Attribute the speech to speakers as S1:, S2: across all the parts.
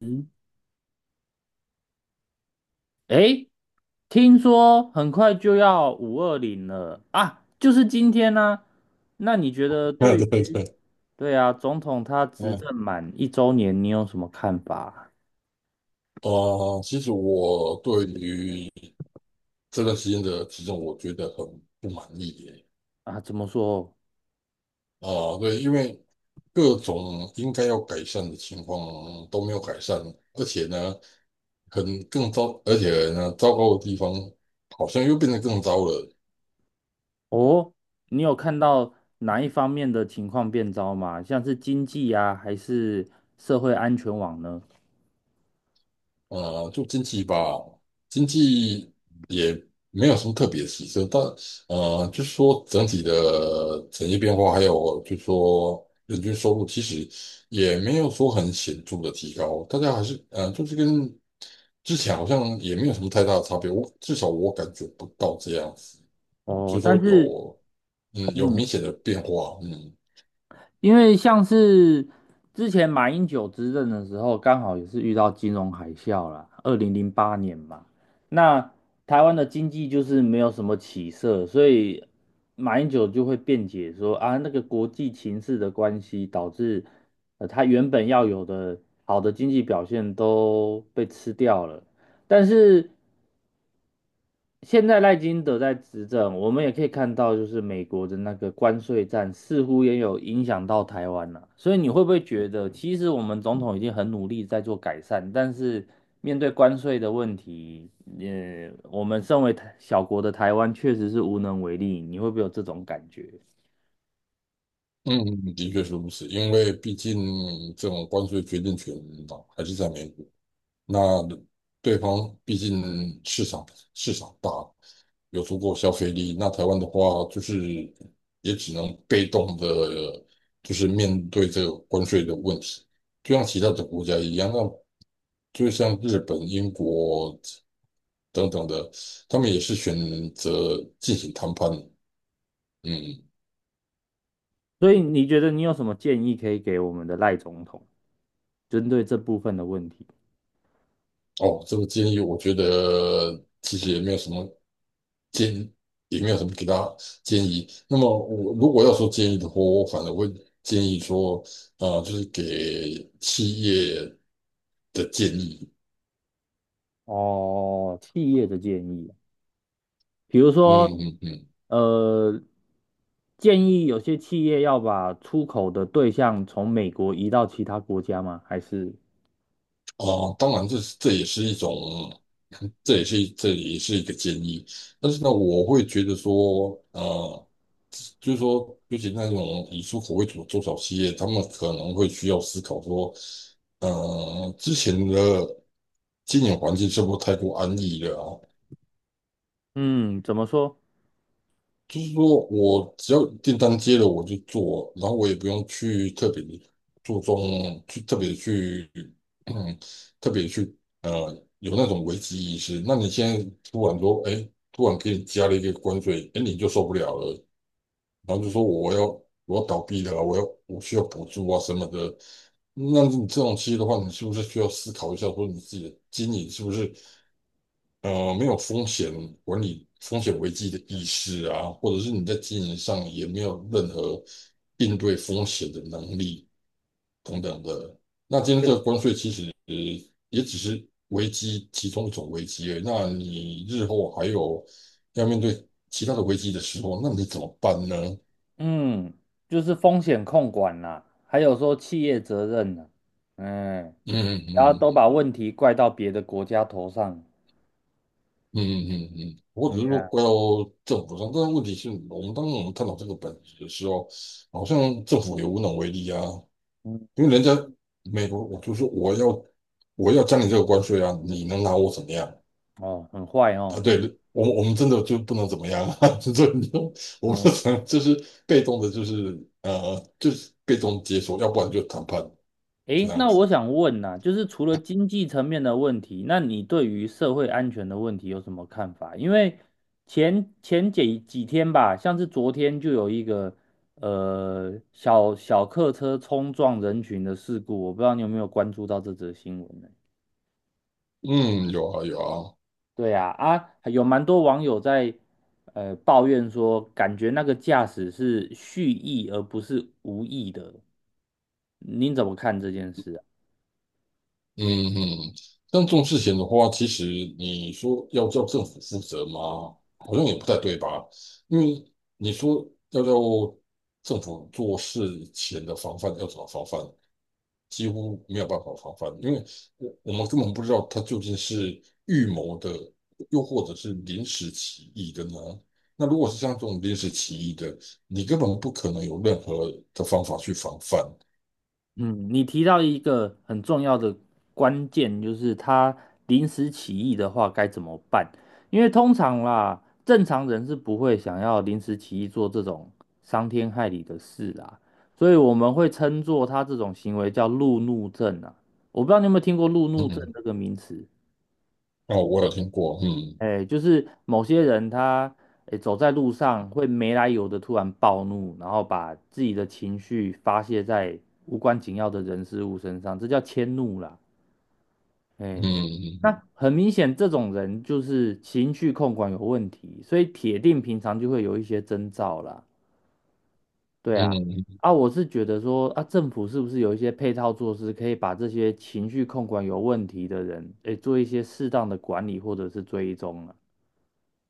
S1: 嗯，诶，听说很快就要520了啊，就是今天呢、那你觉得
S2: 啊，对对，对，
S1: 对啊，总统他执
S2: 嗯，
S1: 政满一周年，你有什么看法
S2: 其实我对于这段时间的体重，我觉得很不满意耶。
S1: 啊？怎么说？
S2: 啊、对，因为各种应该要改善的情况都没有改善，而且呢，很更糟，而且呢，糟糕的地方好像又变得更糟了。
S1: 哦，你有看到哪一方面的情况变糟吗？像是经济啊，还是社会安全网呢？
S2: 就经济吧，经济也没有什么特别的起色，但就是说整体的产业变化，还有就是说人均收入，其实也没有说很显著的提高，大家还是就是跟之前好像也没有什么太大的差别，我至少我感觉不到这样子，
S1: 哦，
S2: 就是
S1: 但
S2: 说
S1: 是，
S2: 有
S1: 嗯，
S2: 明显的变化，嗯。
S1: 因为像是之前马英九执政的时候，刚好也是遇到金融海啸啦，2008年嘛。那台湾的经济就是没有什么起色，所以马英九就会辩解说啊，那个国际情势的关系，导致他原本要有的好的经济表现都被吃掉了。但是现在赖金德在执政，我们也可以看到，就是美国的那个关税战似乎也有影响到台湾了。所以你会不会觉得，其实我们总统已经很努力在做改善，但是面对关税的问题，我们身为台小国的台湾确实是无能为力。你会不会有这种感觉？
S2: 嗯，的确是如此，因为毕竟这种关税决定权嘛还是在美国。那对方毕竟市场大，有足够消费力。那台湾的话，就是也只能被动的，就是面对这个关税的问题，就像其他的国家一样，那就像日本、英国等等的，他们也是选择进行谈判。嗯，
S1: 所以你觉得你有什么建议可以给我们的赖总统，针对这部分的问题？
S2: 哦，这个建议我觉得其实也没有什么建议也没有什么给大家建议。那么我如果要说建议的话，我反而会建议说，啊、就是给企业的建议。
S1: 哦，企业的建议。比如
S2: 嗯
S1: 说，
S2: 嗯嗯，
S1: 呃，建议有些企业要把出口的对象从美国移到其他国家吗？还是，
S2: 啊、当然这也是一种，这也是一个建议。但是呢，我会觉得说，啊，就是说，尤其那种以出口为主的中小企业，他们可能会需要思考说，之前的经营环境是不是太过安逸了啊？
S1: 嗯，怎么说？
S2: 就是说我只要订单接了我就做，然后我也不用去特别注重，去特别去，嗯，特别去有那种危机意识。那你现在突然说，哎，突然给你加了一个关税，哎，你就受不了了，然后就说我要倒闭了，我需要补助啊什么的。那你这种企业的话，你是不是需要思考一下，说你自己的经营是不是？没有风险管理、风险危机的意识啊，或者是你在经营上也没有任何应对风险的能力等等的。那今天这个关税其实也只是危机其中一种危机而已。那你日后还有要面对其他的危机的时候，那你怎么办呢？
S1: 嗯，就是风险控管啦，还有说企业责任啦，嗯，
S2: 嗯
S1: 然后
S2: 嗯
S1: 都
S2: 嗯
S1: 把问题怪到别的国家头上，
S2: 嗯嗯嗯，嗯或只
S1: 嗯
S2: 是说怪到政府上，但是问题是当我们探讨这个本质的时候，好像政府也无能为力啊。
S1: 嗯，
S2: 因为人家美国，我就说我要加你这个关税啊，你能拿我怎么样
S1: 哦，很坏哦，
S2: 啊？对我们真的就不能怎么样啊？就这你就我们
S1: 嗯。
S2: 只能就是被动的，就是就是被动接受，要不然就谈判这
S1: 诶，
S2: 样
S1: 那
S2: 子。
S1: 我想问呐、就是除了经济层面的问题，那你对于社会安全的问题有什么看法？因为前几天吧，像是昨天就有一个小客车冲撞人群的事故，我不知道你有没有关注到这则新闻呢？
S2: 嗯，有啊有啊。
S1: 对呀，啊，有蛮多网友在抱怨说，感觉那个驾驶是蓄意而不是无意的，您怎么看这件事啊？
S2: 嗯嗯，但这种事情的话，其实你说要叫政府负责吗？好像也不太对吧？因为你说要叫政府做事前的防范，要怎么防范？几乎没有办法防范，因为我们根本不知道他究竟是预谋的，又或者是临时起意的呢？那如果是像这种临时起意的，你根本不可能有任何的方法去防范。
S1: 嗯，你提到一个很重要的关键，就是他临时起意的话该怎么办？因为通常啦，正常人是不会想要临时起意做这种伤天害理的事啦，所以我们会称作他这种行为叫路怒症啊。我不知道你有没有听过路
S2: 嗯，
S1: 怒症
S2: 嗯
S1: 这个名词？
S2: 哦，我有听过，嗯
S1: 哎，就是某些人他，哎，走在路上会没来由的突然暴怒，然后把自己的情绪发泄在无关紧要的人事物身上，这叫迁怒啦。
S2: 嗯。
S1: 哎，
S2: 嗯
S1: 那很明显，这种人就是情绪控管有问题，所以铁定平常就会有一些征兆啦。对啊，
S2: 嗯
S1: 啊，我是觉得说，啊，政府是不是有一些配套措施，可以把这些情绪控管有问题的人，哎，做一些适当的管理或者是追踪啊？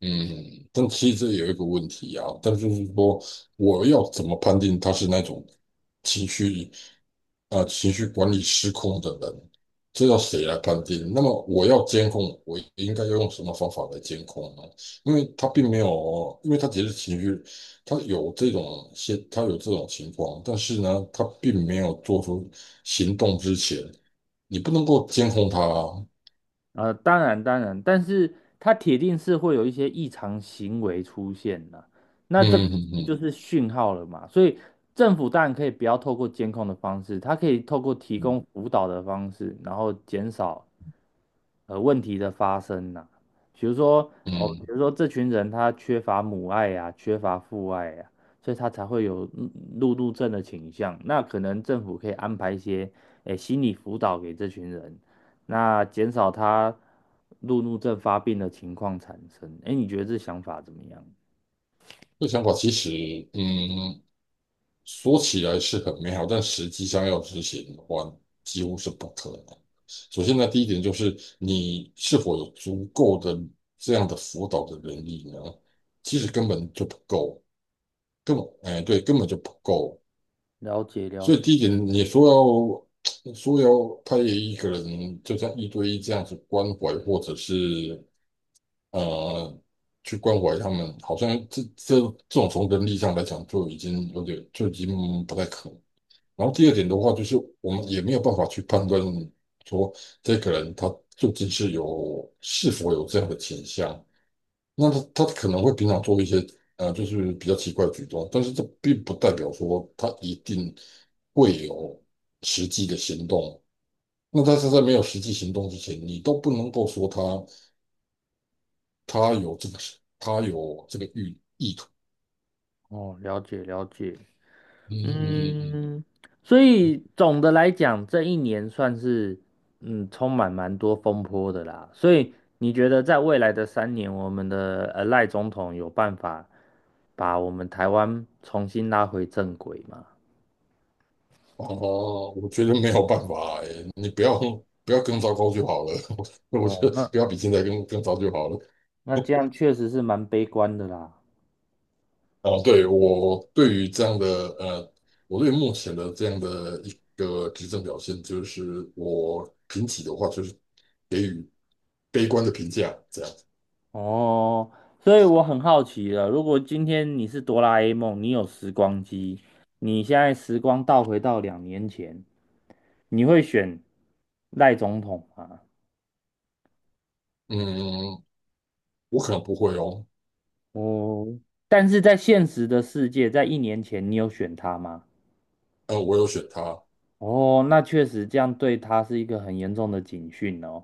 S2: 嗯，但其实这有一个问题啊，但就是说，我要怎么判定他是那种情绪啊、情绪管理失控的人？这要谁来判定？那么我要监控，我应该要用什么方法来监控呢？因为他并没有，因为他只是情绪，他有这种现，他有这种情况，但是呢，他并没有做出行动之前，你不能够监控他啊
S1: 当然当然，但是它铁定是会有一些异常行为出现的，那这个
S2: 嗯嗯
S1: 就
S2: 嗯
S1: 是讯号了嘛。所以政府当然可以不要透过监控的方式，它可以透过提
S2: 嗯
S1: 供辅导的方式，然后减少问题的发生呐、比如说哦，比
S2: 嗯。
S1: 如说这群人他缺乏母爱呀、缺乏父爱呀、所以他才会有路怒症的倾向。那可能政府可以安排一些诶心理辅导给这群人，那减少他路怒症发病的情况产生。诶，你觉得这想法怎么样？
S2: 这想法其实，嗯，说起来是很美好，但实际上要执行的话，几乎是不可能。首先
S1: 哦，
S2: 呢，第一点就是你是否有足够的这样的辅导的能力呢？其实根本就不够，根本，哎，对，根本就不够。
S1: 了解了
S2: 所以
S1: 解，
S2: 第一点，你说要 说要派一个人就像一对一这样子关怀，或者是呃，去关怀他们，好像这这种从人力上来讲就已经有点就已经不太可能。然后第二点的话，就是我们也没有办法去判断说这个人他究竟是是否有这样的倾向。那他可能会平常做一些就是比较奇怪的举动，但是这并不代表说他一定会有实际的行动。那但是在没有实际行动之前，你都不能够说他。他有这个，他有这个意图。
S1: 哦，了解了解。
S2: 嗯嗯嗯嗯。
S1: 嗯，所以总的来讲，这一年算是充满蛮多风波的啦。所以你觉得在未来的三年，我们的赖总统有办法把我们台湾重新拉回正轨吗？
S2: 哦，我觉得没有办法哎，你不要更糟糕就好了。我觉
S1: 哦，
S2: 得
S1: 那
S2: 不要比现在更糟就好了。
S1: 那这样确实是蛮悲观的啦。
S2: 哦，对，我对于这样的呃，我对目前的这样的一个执政表现，就是我评起的话，就是悲观的评价这样。
S1: 哦，所以我很好奇了，如果今天你是哆啦 A 梦，你有时光机，你现在时光倒回到2年前，你会选赖总统吗？
S2: 嗯，我可能不会哦，
S1: 哦，但是在现实的世界，在1年前你有选他吗？
S2: 我有选他，
S1: 哦，那确实这样对他是一个很严重的警讯哦。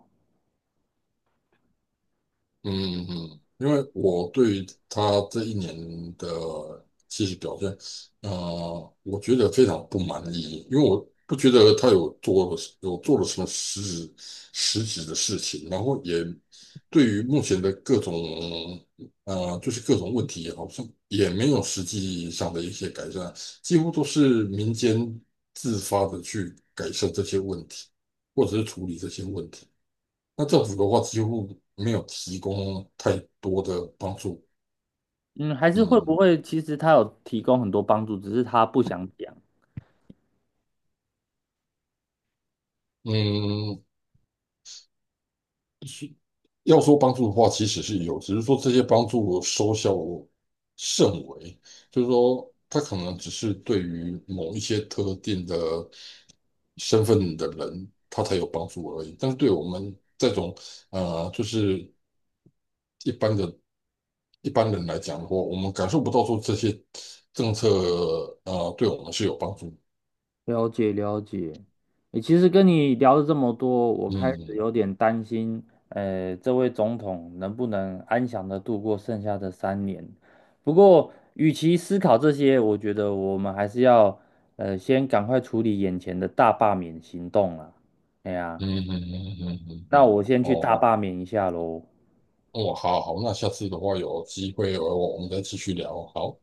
S2: 嗯嗯，嗯因为我对于他这一年的其实表现，我觉得非常不满意，因为我不觉得他有做了什么质实质的事情，然后也对于目前的各种就是各种问题，好像也没有实际上的一些改善，几乎都是民间自发的去改善这些问题，或者是处理这些问题。那政府的话几乎没有提供太多的帮助。
S1: 嗯，还是会不
S2: 嗯
S1: 会其实他有提供很多帮助，只是他不想讲。
S2: 嗯，是要说帮助的话，其实是有，只是说这些帮助收效甚微，就是说他可能只是对于某一些特定的身份的人，他才有帮助而已。但是对我们这种就是一般的一般人来讲的话，我们感受不到说这些政策对我们是有帮助。
S1: 了解了解，诶，其实跟你聊了这么多，我开始
S2: 嗯。
S1: 有点担心，这位总统能不能安详的度过剩下的三年？不过，与其思考这些，我觉得我们还是要，先赶快处理眼前的大罢免行动啦。哎呀，
S2: 嗯嗯嗯嗯嗯
S1: 那
S2: 嗯，
S1: 我先去大
S2: 哦，
S1: 罢免一下喽。
S2: 哦，好好，那下次的话有机会，我们再继续聊，好。